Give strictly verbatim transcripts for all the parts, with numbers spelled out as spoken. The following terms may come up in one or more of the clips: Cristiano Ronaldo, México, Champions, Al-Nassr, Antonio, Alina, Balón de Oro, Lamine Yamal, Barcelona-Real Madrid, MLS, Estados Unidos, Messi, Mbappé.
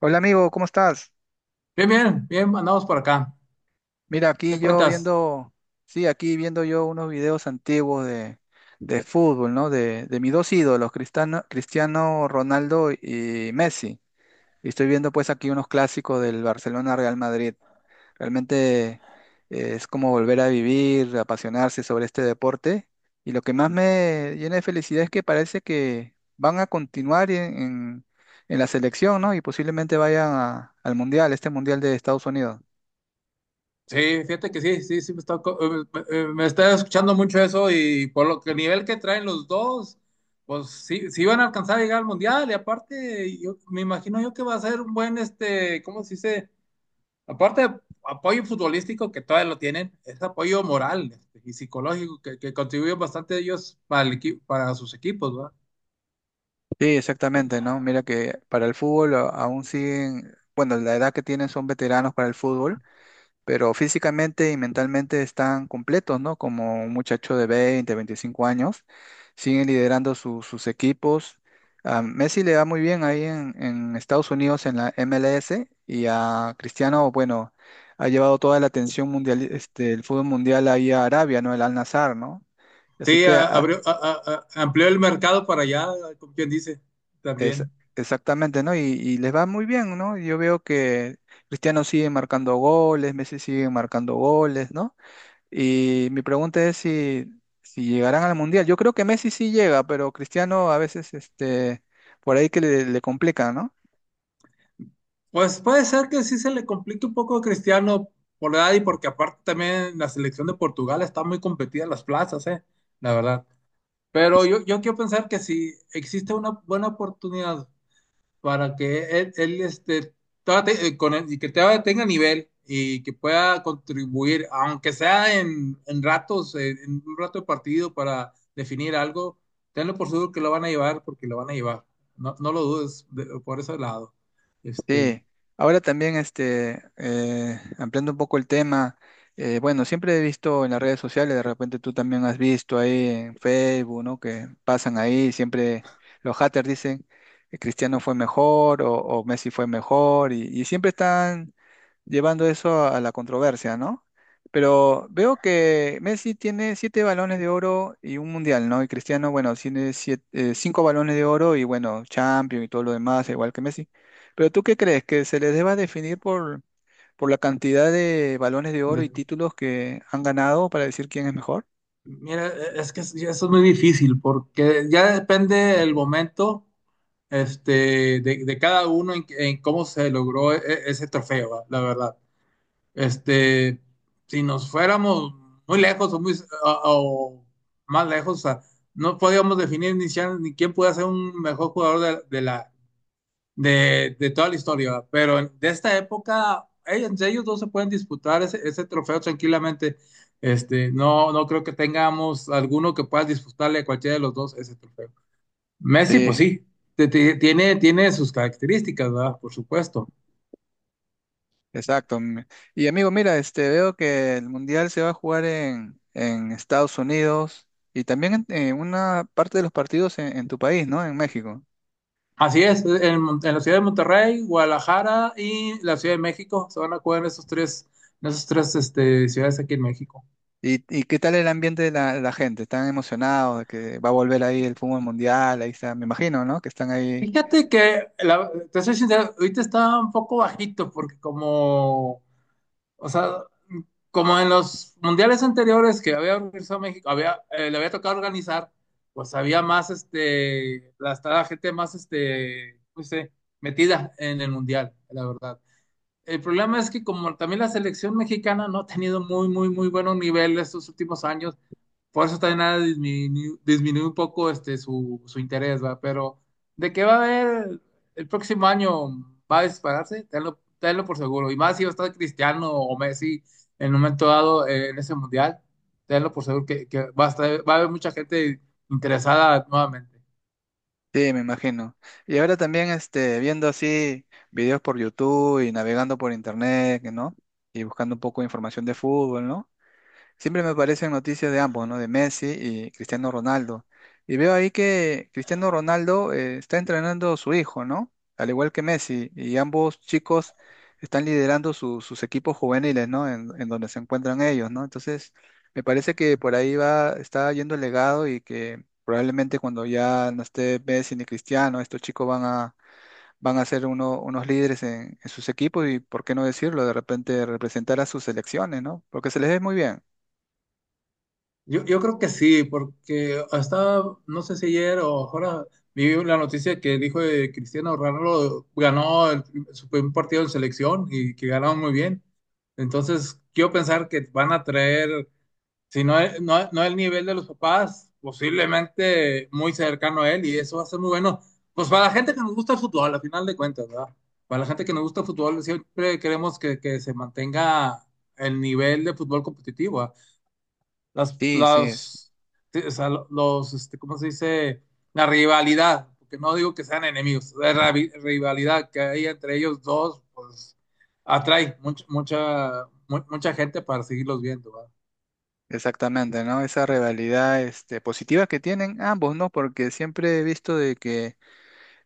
Hola amigo, ¿cómo estás? Bien, bien, bien, andamos por acá. Mira, aquí ¿Qué yo cuentas? viendo, sí, aquí viendo yo unos videos antiguos de, de fútbol, ¿no? De, de mis dos ídolos, Cristiano, Cristiano Ronaldo y Messi. Y estoy viendo pues aquí unos clásicos del Barcelona-Real Madrid. Realmente eh, es como volver a vivir, apasionarse sobre este deporte. Y lo que más me llena de felicidad es que parece que van a continuar en, en- en la selección, ¿no? Y posiblemente vayan a- al Mundial, este Mundial de Estados Unidos. Sí, fíjate que sí, sí, sí, me está, co- eh, me, eh, me está escuchando mucho eso. Y por lo que el nivel que traen los dos, pues sí, sí van a alcanzar a llegar al mundial. Y aparte, yo me imagino yo que va a ser un buen, este, ¿cómo se dice? Aparte de apoyo futbolístico que todavía lo tienen, es apoyo moral, este, y psicológico que, que contribuyen bastante ellos para, el equi- para sus equipos, ¿verdad? Sí, exactamente, ¿no? Mira que para el fútbol a- aún siguen, bueno, la edad que tienen son veteranos para el fútbol, pero físicamente y mentalmente están completos, ¿no? Como un muchacho de veinte, veinticinco años, siguen liderando su- sus equipos. A Messi le va muy bien ahí en, en Estados Unidos en la M L S, y a Cristiano, bueno, ha llevado toda la atención mundial, este, el fútbol mundial ahí a Arabia, ¿no? El Al-Nassr, ¿no? Así Sí, que a- a- abrió, a- a- a- amplió el mercado para allá, como quien dice, Es, también. exactamente, ¿no? Y, y les va muy bien, ¿no? Yo veo que Cristiano sigue marcando goles, Messi sigue marcando goles, ¿no? Y mi pregunta es si, si llegarán al Mundial. Yo creo que Messi sí llega, pero Cristiano a veces, este, por ahí que le, le complica, ¿no? Pues puede ser que sí se le complique un poco a Cristiano por la edad, y porque aparte también la selección de Portugal está muy competida en las plazas, eh, la verdad. Pero yo, yo quiero pensar que si existe una buena oportunidad para que él, él, este, trate, eh, con él- y que todavía tenga nivel y que pueda contribuir, aunque sea en, en ratos, en, en un rato de partido para definir algo. Tenlo por seguro que lo van a llevar porque lo van a llevar. No, no lo dudes de- por ese lado. Este, Sí, ahora también este, eh, ampliando un poco el tema, eh, bueno, siempre he visto en las redes sociales, de repente tú también has visto ahí en Facebook, ¿no? Que pasan ahí, siempre los haters dicen que Cristiano fue mejor o, o Messi fue mejor y, y siempre están llevando eso a la controversia, ¿no? Pero veo que Messi tiene siete balones de oro y un mundial, ¿no? Y Cristiano, bueno, tiene siete- eh, cinco balones de oro y bueno, Champions y todo lo demás, igual que Messi. Pero ¿tú qué crees? ¿Que se les deba definir por, por la cantidad de balones de oro y de- títulos que han ganado para decir quién es mejor? Mira, e- es que es- ya eso es muy difícil, porque ya depende el momento, este, de, de cada uno en, en cómo se logró e- e- ese trofeo, va, la verdad. Este, si nos fuéramos muy lejos, o, muy, o- o más lejos, o sea, no podíamos definir ni siquiera ni quién puede ser un mejor jugador de, de la, de, de toda la historia. Pero en- de esta época, ey, entre ellos dos se pueden disputar ese, ese trofeo tranquilamente. Este, no, no creo que tengamos alguno que pueda disputarle a cualquiera de los dos ese trofeo. Messi, pues Sí. sí, te- te- tiene, tiene sus características, ¿verdad? Por supuesto. Exacto. m- Y amigo, mira, este, veo que el mundial se va a jugar en, en Estados Unidos y también en, en una parte de los partidos en, en tu país, ¿no? En México. Así es, en, Mon- en la ciudad de Monterrey, Guadalajara y la Ciudad de México se van a jugar. En esos tres, en esas tres este, ciudades aquí en México. ¿Y, ¿y qué tal el ambiente de la, la gente? ¿Están emocionados de que va a volver ahí el fútbol mundial? Ahí está, me imagino, ¿no? Que están ahí. Fíjate que, la- te soy sincero, ahorita está un poco bajito porque como O sea, como en los mundiales anteriores que había organizado México, había, eh, le había tocado organizar, pues había más, este, la, estaba gente más, este, no sé, metida en el mundial, la verdad. El problema es que como también la selección mexicana no ha tenido muy, muy, muy buenos niveles estos últimos años, por eso también ha disminu- disminuido un poco, este, su, su interés, ¿va? Pero de que va a haber el próximo año, va a dispararse, tenlo, tenlo por seguro. Y más si va a estar Cristiano o Messi en un momento dado, eh, en ese mundial, tenlo por seguro que, que va a estar- va a haber mucha gente interesada nuevamente. Sí, me imagino. Y ahora también este, viendo así videos por YouTube y navegando por internet, ¿no? Y buscando un poco de información de fútbol, ¿no? Siempre me aparecen noticias de ambos, ¿no? De Messi y Cristiano Ronaldo. Y veo ahí que Cristiano Ronaldo eh, está entrenando a su hijo, ¿no? Al igual que Messi. Y ambos chicos están liderando su- sus equipos juveniles, ¿no? En, en donde se encuentran ellos, ¿no? Entonces, me parece que por ahí va, está yendo el legado y que probablemente cuando ya no esté Messi ni Cristiano, estos chicos van a, van a ser uno- unos líderes en, en sus equipos y, ¿por qué no decirlo? De repente representar a sus selecciones, ¿no? Porque se les ve muy bien. Yo, yo creo que sí, porque hasta, no sé si ayer o ahora, vi la noticia que dijo de Cristiano Ronaldo. Ganó el- su primer partido en selección y que ganaron muy bien. Entonces, quiero pensar que van a traer, si no, es- no, no el nivel de los papás, posiblemente muy cercano a él, y eso va a ser muy bueno. Pues para la gente que nos gusta el fútbol, al final de cuentas, ¿verdad? Para la gente que nos gusta el fútbol, siempre queremos que, que se mantenga el nivel de fútbol competitivo, las, Sí, sí, es- las, sí, o sea, los, este, ¿cómo se dice? La rivalidad, porque no digo que sean enemigos, la ravi- rivalidad que hay entre ellos dos, pues atrae mucha, mucha, mu- mucha gente para seguirlos viendo, ¿va? exactamente, ¿no? Esa rivalidad, este, positiva que tienen ambos, ¿no? Porque siempre he visto de que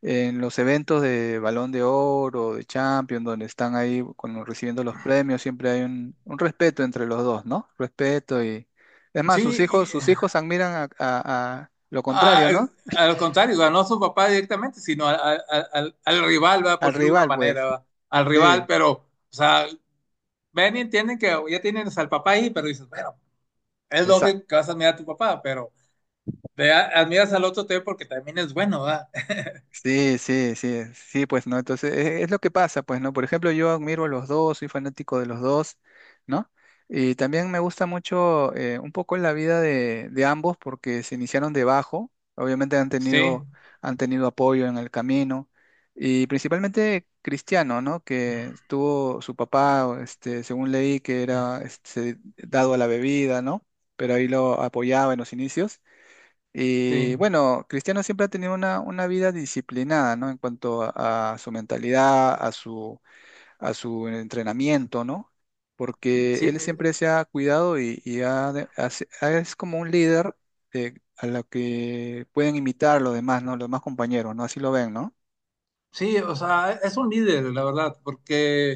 en los eventos de Balón de Oro, de Champions, donde están ahí con- recibiendo los premios, siempre hay un, un respeto entre los dos, ¿no? Respeto y... Es más, sus hijos, Sí, y, sus hijos admiran a, a- a lo ah, contrario, ¿no? al contrario, ¿va? No a su papá directamente, sino al, al- al- al rival, ¿va? Por Al decirlo de alguna rival, manera, pues. ¿va? Al rival, Sí. pero, o sea, ven y entienden que ya tienes al papá ahí, pero dices, bueno, es lógico que vas a mirar a tu papá, pero te a- admiras al otro también porque también es bueno, ¿verdad? Sí, sí, sí, sí, pues no, entonces e- es, lo que pasa, pues no, por ejemplo, yo admiro a los dos, soy fanático de los dos, ¿no? Y también me gusta mucho eh, un poco la vida de, de ambos porque se iniciaron debajo, obviamente han Sí, tenido, han tenido apoyo en el camino y principalmente Cristiano, ¿no? Que tuvo su papá, este, según leí, que era este, dado a la bebida, ¿no? Pero ahí lo apoyaba en los inicios. Y sí, bueno, Cristiano siempre ha tenido una, una vida disciplinada, ¿no? En cuanto a, a su mentalidad, a su, a su entrenamiento, ¿no? Porque sí, él eh, siempre se ha cuidado y, y ha de- ha se- ha- es como un líder, eh, a lo que pueden imitar los demás, ¿no? Los demás compañeros, ¿no? Así lo ven, ¿no? sí, o sea, es un líder, la verdad, porque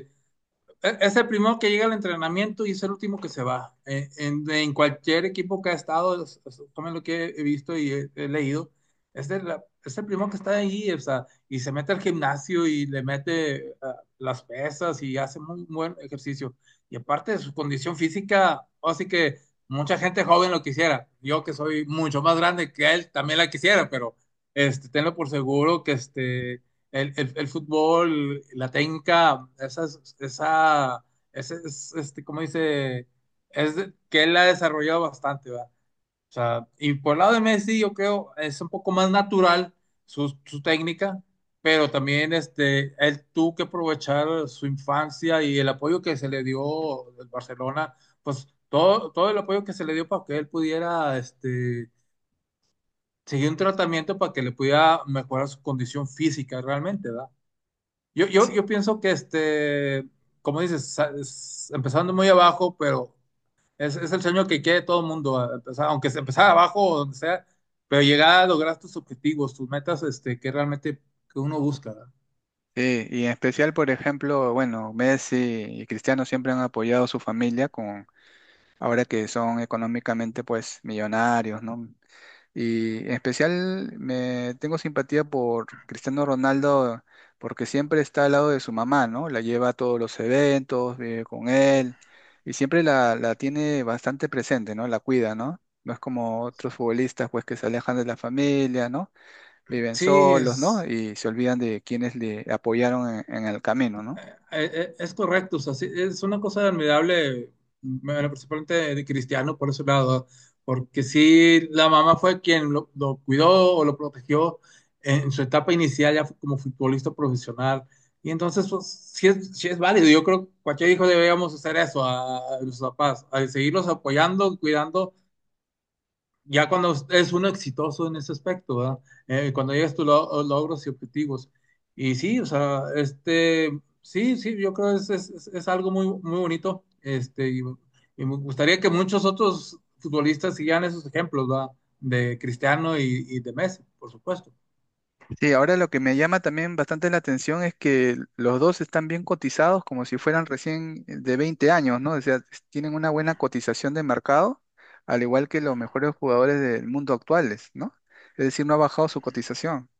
e, es el primero que llega al entrenamiento y es el último que se va. Eh, en, en, cualquier equipo que ha estado, es, es, tomen lo que he visto y he, he leído, es el, es el, primero que está ahí. O sea, y se mete al gimnasio y le mete, uh, las pesas y hace muy buen ejercicio. Y aparte de su condición física, así que mucha gente joven lo quisiera. Yo que soy mucho más grande que él, también la quisiera. Pero, este, tenlo por seguro que, este, el, el- el fútbol, la técnica, esa esa, ese, es- este, ¿cómo dice? Es de- que él la ha desarrollado bastante, ¿verdad? O sea, y por el lado de Messi, yo creo, es un poco más natural su, su técnica. Pero también, este, él tuvo que aprovechar su infancia y el apoyo que se le dio del Barcelona, pues todo, todo el apoyo que se le dio para que él pudiera, este, seguir un tratamiento para que le pudiera mejorar su condición física realmente, ¿verdad? Yo, yo, yo pienso que, este, como dices, sa- es- empezando muy abajo, pero es, es el sueño que quiere todo el mundo, a- empezar, aunque sea empezar abajo o donde sea, pero llegar a lograr tus objetivos, tus metas, este, que realmente que uno busca, ¿verdad? Sí, y en especial, por ejemplo, bueno, Messi y Cristiano siempre han apoyado a su familia con, ahora que son económicamente, pues, millonarios, ¿no? Y en especial me tengo simpatía por Cristiano Ronaldo porque siempre está al lado de su mamá, ¿no? La lleva a todos los eventos, vive con él y siempre la, la tiene bastante presente, ¿no? La cuida, ¿no? No es como otros futbolistas pues que se alejan de la familia, ¿no? Viven Sí, solos, ¿no? es, Y se olvidan de quienes le apoyaron en en el camino, ¿no? Eh, eh, es correcto, o sea, sí, es una cosa admirable. Bueno, principalmente de de Cristiano por ese lado, porque sí, la mamá fue quien lo, lo cuidó o lo protegió en su etapa inicial ya como futbolista profesional. Y entonces, pues, sí es, sí es válido. Yo creo que cualquier hijo deberíamos hacer eso a, a nuestros papás, a seguirlos apoyando, cuidando, ya cuando es uno exitoso en ese aspecto, ¿verdad? Eh, cuando llegas tus lo- logros y objetivos. Y sí, o sea, este, sí, sí, yo creo que es, es, es- es algo muy, muy bonito. Este, y, y me gustaría que muchos otros futbolistas sigan esos ejemplos, ¿verdad? De Cristiano y, y de Messi, por supuesto. Sí, ahora lo que me llama también bastante la atención es que los dos están bien cotizados como si fueran recién eh, de veinte años, ¿no? O sea, s- tienen una buena cotización de mercado, al igual que los mejores jugadores del mundo actuales, ¿no? Es decir, no ha bajado su cotización.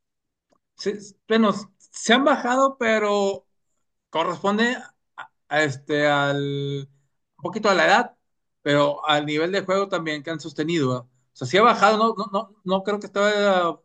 Sí, bueno, se han bajado, pero corresponde, a- a este, al, un poquito, a la edad, pero al nivel de juego también que han sostenido, ¿ah? O sea, si ha bajado, no, no, no, no creo que estaba,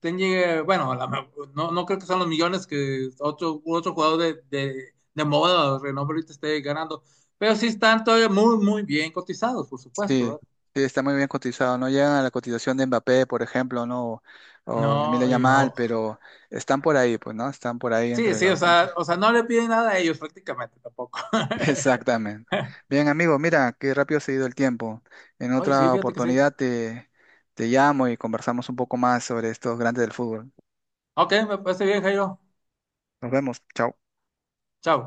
ten- llegue- bueno, a la me- no, no creo que sean los millones que otro, otro jugador de, de, de moda, de renombre ahorita esté ganando, pero sí están todavía muy, muy bien cotizados, por supuesto, Sí, ¿verdad? sí, está muy bien cotizado. No llegan a la cotización de Mbappé, por ejemplo, ¿no? O Lamine No, y- Yamal, o- pero están por ahí, pues, ¿no? Están por ahí sí, entre sí, o los, entre... sea, o sea, no le piden nada a ellos prácticamente tampoco. Exactamente. Bien, amigo, mira, qué rápido se ha ido el tiempo. En Oye, sí, otra fíjate que sí. oportunidad te, te llamo y conversamos un poco más sobre estos grandes del fútbol. Ok, me parece bien, Jairo. Nos vemos. Chao. Chao.